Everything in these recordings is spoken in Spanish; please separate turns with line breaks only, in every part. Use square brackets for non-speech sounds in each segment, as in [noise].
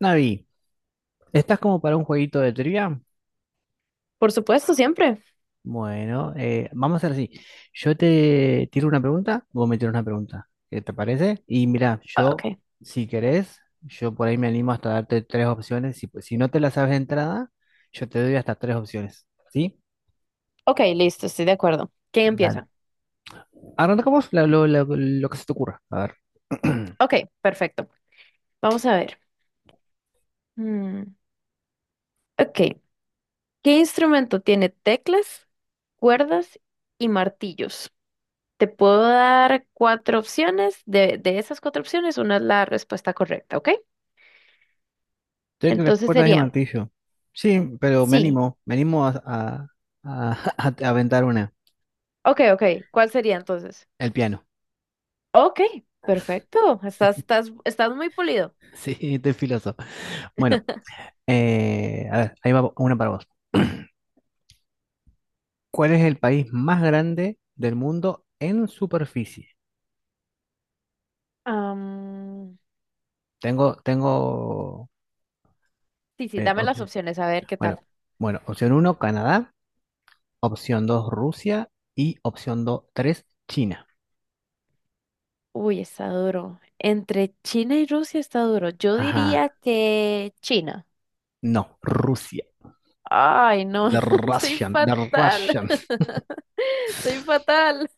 Navi, ¿estás como para un jueguito de trivia?
Por supuesto, siempre.
Bueno, vamos a hacer así. Yo te tiro una pregunta, vos me tiras una pregunta. ¿Qué te parece? Y mira,
Ah,
yo,
Ok,
si querés, yo por ahí me animo hasta darte tres opciones. Si, pues, si no te la sabes de entrada, yo te doy hasta tres opciones. ¿Sí?
ok, listo, estoy de acuerdo. ¿Quién
Dale.
empieza?
Arrancamos lo que se te ocurra. A ver. [clears throat]
Ok, perfecto. Vamos a ver. Mm, ok, ¿qué instrumento tiene teclas, cuerdas y martillos? Te puedo dar cuatro opciones. De esas cuatro opciones, una es la respuesta correcta, ¿ok?
Tengo las
Entonces
cuerdas de
sería,
martillo. Sí, pero me
sí.
animo. Me animo a- [laughs] a aventar una.
Ok, ok, ¿cuál sería entonces?
El piano.
Ok, perfecto. Estás,
[laughs]
estás, estás muy pulido.
Sí, estoy filoso. Bueno,
[laughs]
a ver, ahí va una para vos. [clears throat] ¿Cuál es el país más grande del mundo en superficie?
Am,
Tengo,
sí, sí,
eh,
dame
op-
las opciones, a ver qué
bueno,
tal.
bueno, opción uno, Canadá, opción 2, Rusia y opción 3, China.
Uy, está duro. Entre China y Rusia está duro. Yo
Ajá,
diría que China.
no, Rusia.
Ay, no,
The
[laughs] soy
Russian, the
fatal.
Russian. [laughs]
[laughs] Soy fatal.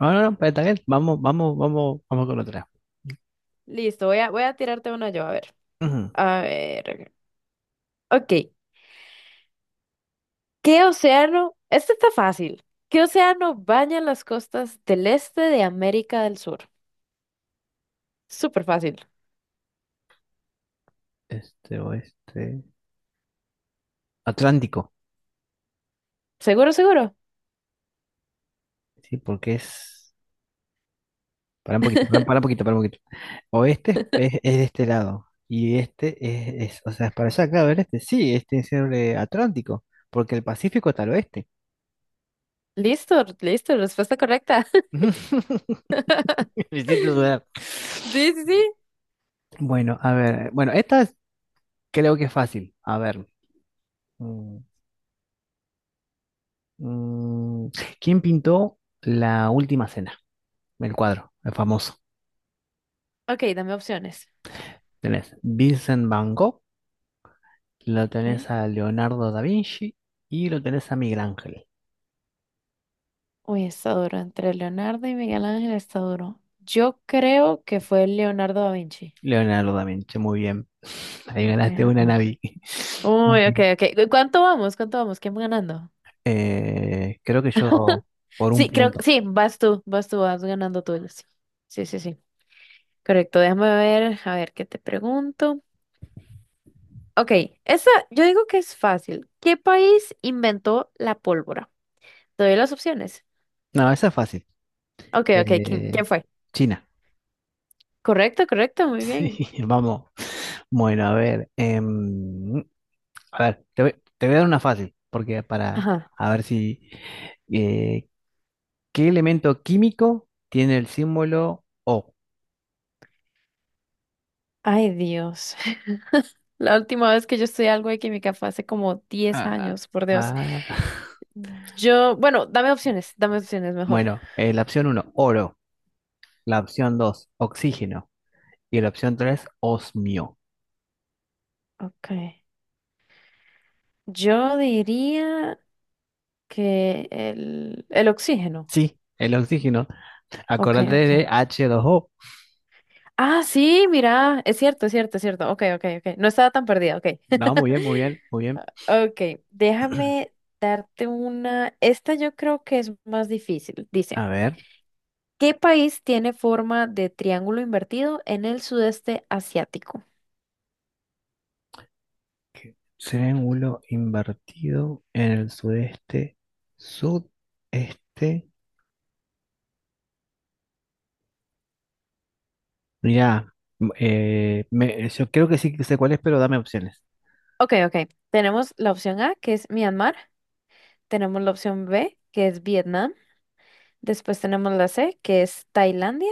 No, no, no, pero está bien. Vamos, vamos, vamos, vamos con otra.
Listo, voy a tirarte una yo, a ver.
Ujú.
A ver. Ok. ¿Qué océano? Este está fácil. ¿Qué océano baña las costas del este de América del Sur? Súper fácil.
Este oeste. Atlántico.
Seguro, seguro.
Sí, porque es. Para un poquito, para, un
[laughs]
poquito, para un poquito. Oeste es de este lado. Y este o sea, es para allá, claro, el este. Sí, este es el Atlántico, porque el Pacífico está al oeste.
Listo, listo, respuesta correcta.
[laughs] Me
[laughs]
hiciste dudar.
Sí, sí, sí.
Bueno, a ver. Bueno, creo que es fácil. A ver. mm, mm, ¿quién pintó La Última Cena? El cuadro, el famoso.
Ok, dame opciones.
Tenés Vincent Van Gogh, lo
Ok.
tenés a Leonardo da Vinci y lo tenés a Miguel Ángel.
Uy, está duro. Entre Leonardo y Miguel Ángel está duro. Yo creo que fue Leonardo da Vinci.
Leonardo da Vinci, muy bien. [laughs] Ahí
Ok,
ganaste
ok.
una, Navi. [laughs] Muy
Uy, ok,
bien.
ok. ¿Cuánto vamos? ¿Cuánto vamos? ¿Quién va ganando?
Creo que yo por un
Sí, creo que
punto.
sí, vas tú, vas tú, vas ganando tú. Sí, sí, sí, sí. Correcto, déjame ver, a ver qué te pregunto. Ok, esa, yo digo que es fácil. ¿Qué país inventó la pólvora? Te doy las opciones.
No, esa es fácil.
Ok, ok, ¿quién
Eh,
fue?
China. [laughs]
Correcto, correcto, muy bien.
Sí, vamos. Bueno, a ver. A ver, te voy a dar una fácil, porque para
Ajá.
a ver si, eh, ¿qué elemento químico tiene el símbolo O?
Ay, Dios. [laughs] La última vez que yo estudié algo de química fue hace como diez
Ah,
años, por Dios.
ah.
Bueno, dame opciones
[laughs]
mejor.
Bueno, la opción uno, oro. La opción 2, oxígeno. Y la opción tres, osmio.
Okay. Yo diría que el oxígeno.
Sí, el oxígeno.
Okay,
Acordate
okay.
de H2O.
Ah, sí, mira, es cierto, es cierto, es cierto. Okay, okay, okay. No estaba tan perdida, Okay.
No,
[laughs]
muy bien, muy bien, muy bien.
Okay. Déjame
[clears throat]
darte una. Esta yo creo que es más difícil. Dice,
A ver,
¿qué país tiene forma de triángulo invertido en el sudeste asiático?
¿qué? Triángulo invertido en el sudeste, sudeste. Mira, yo creo que sí que sé cuál es, pero dame opciones.
Ok, ok. Tenemos la opción A, que es Myanmar. Tenemos la opción B, que es Vietnam. Después tenemos la C, que es Tailandia.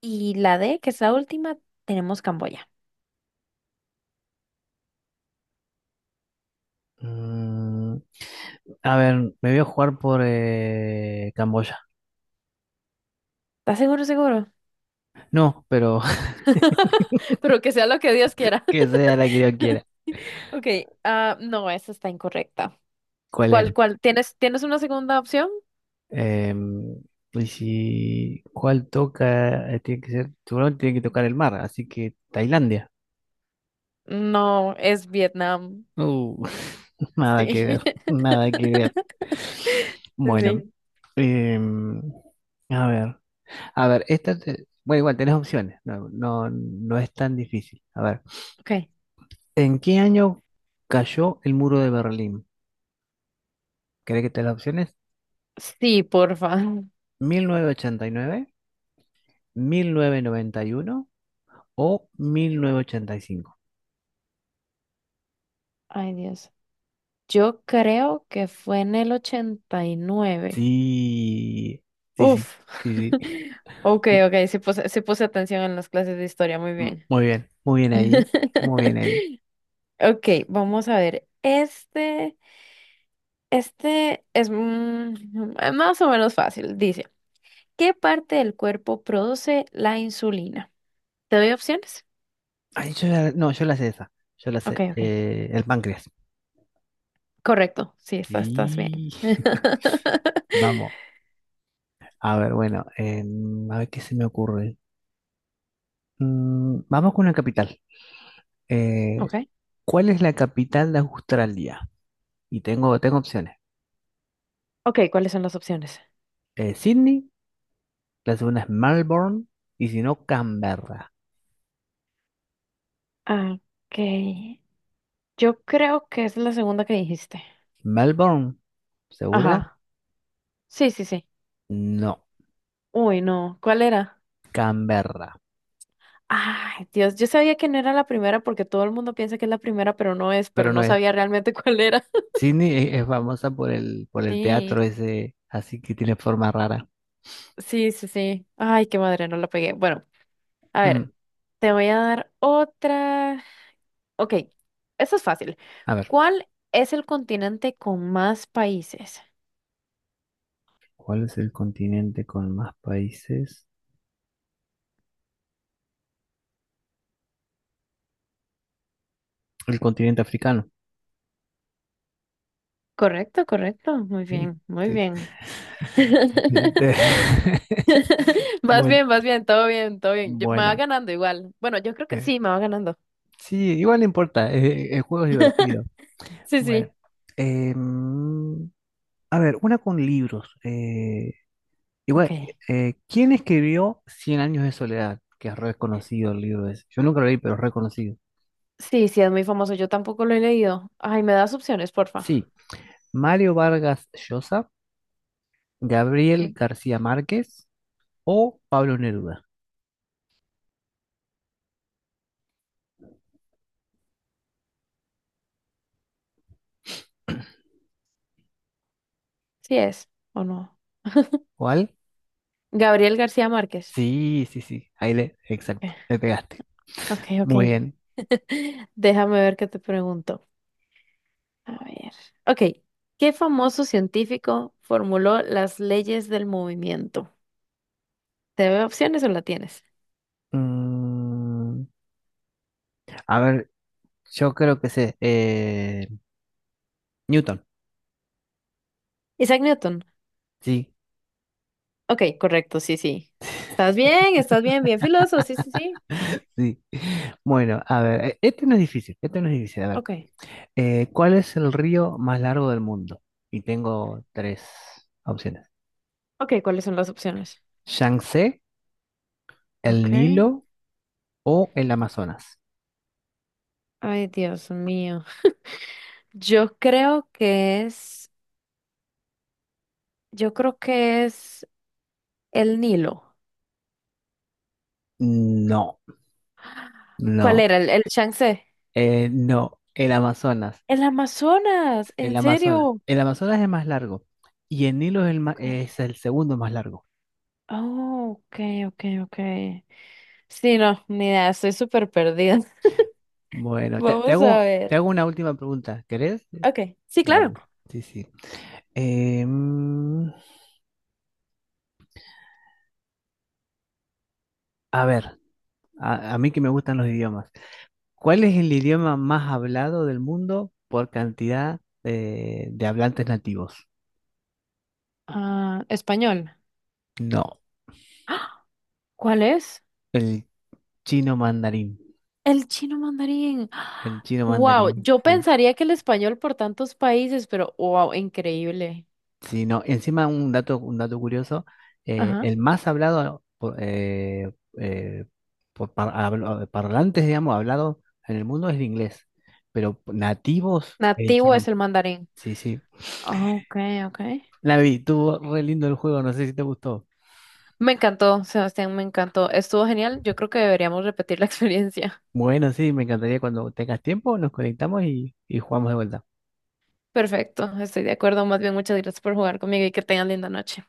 Y la D, que es la última, tenemos Camboya.
Mm, a ver, me voy a jugar por Camboya.
¿Estás seguro, seguro?
No, pero [laughs]
[laughs] Pero que sea lo que Dios quiera.
que
[laughs]
sea la que yo quiera.
Ok, ah, no, esa está incorrecta.
¿Cuál
¿Cuál,
era?
cuál? ¿Tienes una segunda opción?
Em, y si, ¿cuál toca? Tiene que ser, seguramente tiene que tocar el mar, así que Tailandia.
No, es Vietnam.
Uh, [laughs] Nada que
Sí.
ver,
[laughs]
nada que ver.
Sí,
Bueno,
sí.
em, a ver, a ver, bueno, igual tenés opciones, no, no, no es tan difícil. A ver,
Ok.
¿en qué año cayó el muro de Berlín? ¿Querés que te las opciones?
Sí, porfa.
Mil novecientos ochenta y nueve, 1991, o 1985.
Ay, Dios. Yo creo que fue en el 89.
Sí, sí, sí,
Uf.
sí, sí.
[laughs] Ok,
M-
ok, se puso atención en las clases de historia, muy bien.
Muy bien ahí, muy bien ahí.
[laughs] Ok, vamos a ver. Este es más o menos fácil. Dice, ¿qué parte del cuerpo produce la insulina? ¿Te doy opciones?
Ay, no, yo la sé esa, yo la
Ok,
sé,
ok.
el páncreas.
Correcto, sí, estás bien.
Sí, [laughs]
[laughs]
vamos. A ver, bueno, a ver qué se me ocurre. Vamos con una capital. Eh,
Ok,
¿cuál es la capital de Australia? Y tengo opciones.
ok, ¿cuáles son las opciones?
Sydney, la segunda es Melbourne, y si no, Canberra.
Ah, Ok, yo creo que es la segunda que dijiste.
Melbourne, ¿segura?
Ajá, sí, sí, sí.
No.
Uy, no, ¿cuál era?
Canberra,
Ay, Dios, yo sabía que no era la primera porque todo el mundo piensa que es la primera, pero no es, pero
pero no
no
es.
sabía realmente cuál era. [laughs]
Sydney es famosa por el teatro
Sí,
ese, así que tiene forma rara.
sí, sí, sí. Ay, qué madre, no la pegué. Bueno, a ver,
Mm.
te voy a dar otra. Ok, eso es fácil.
A ver,
¿Cuál es el continente con más países?
¿cuál es el continente con más países? El continente africano.
Correcto, correcto. Muy
Mm,
bien, muy
sí.
bien. [laughs]
[laughs] Te- [laughs] Bueno,
Vas bien, todo bien, todo bien. Me va
bueno.
ganando igual. Bueno, yo creo que
eh,
sí, me va ganando.
sí, igual no importa, el juego es divertido.
Sí,
Bueno,
sí.
em, a ver, una con libros. eh,
Ok.
igual, ¿quién escribió Cien años de soledad? Que es reconocido, el libro ese. Yo nunca lo leí, pero es reconocido.
Sí, sí, es muy famoso. Yo tampoco lo he leído. Ay, me das opciones, porfa.
Sí, Mario Vargas Llosa, Gabriel
Ok.
García Márquez o Pablo Neruda.
Sí es o no.
¿Cuál?
Gabriel García Márquez.
Sí, sí, sí, ahí le, exacto, le pegaste.
Ok, ok.
Muy
Ok.
bien.
[laughs] Déjame ver qué te pregunto. A ver. Ok. ¿Qué famoso científico formuló las leyes del movimiento? ¿Te veo opciones o la tienes?
Mm, a ver, yo creo que sé, Newton.
Isaac Newton.
Sí,
Ok, correcto, sí, sí. ¿Estás bien? ¿Estás bien? Bien filoso, sí, sí, sí.
sí. Bueno, a ver, este no es difícil, este no es difícil. A ver,
Ok.
¿cuál es el río más largo del mundo? Y tengo tres opciones.
Ok, ¿cuáles son las opciones?
Yangtze,
Ok.
el Nilo o el Amazonas.
Ay, Dios mío. Yo creo que es. Yo creo que es el Nilo.
No. No,
¿Cuál era? El Yangtze.
no, el Amazonas,
El Amazonas,
el
¿en
Amazonas,
serio?
el Amazonas es más largo y el Nilo es es el segundo más largo.
Oh, ok, ok, ok. Sí, no, ni idea, estoy súper perdida. [laughs]
Bueno,
Vamos a
te
ver.
hago una última pregunta, ¿querés?
Ok, sí, claro.
Dale, sí, sí. Eh, mm, a ver, a mí que me gustan los idiomas, ¿cuál es el idioma más hablado del mundo por cantidad, de hablantes nativos?
Ah, español.
No,
¡Ah! ¿Cuál es?
el chino mandarín,
El chino mandarín.
el chino
Wow,
mandarín,
yo
sí.
pensaría que el español por tantos países, pero wow, increíble.
Sí, no, encima un dato curioso,
Ajá.
el más hablado por, eh, parlantes, digamos, hablado en el mundo es el inglés, pero nativos, el
Nativo es
chino.
el mandarín.
Sí, sí.
Ok, ok.
Lavi, estuvo re lindo el juego, no sé si te gustó.
Me encantó, Sebastián, me encantó. Estuvo genial. Yo creo que deberíamos repetir la [laughs] experiencia.
Bueno, sí, me encantaría cuando tengas tiempo, nos conectamos y jugamos de vuelta.
Perfecto, estoy de acuerdo. Más bien, muchas gracias por jugar conmigo y que tengan linda noche.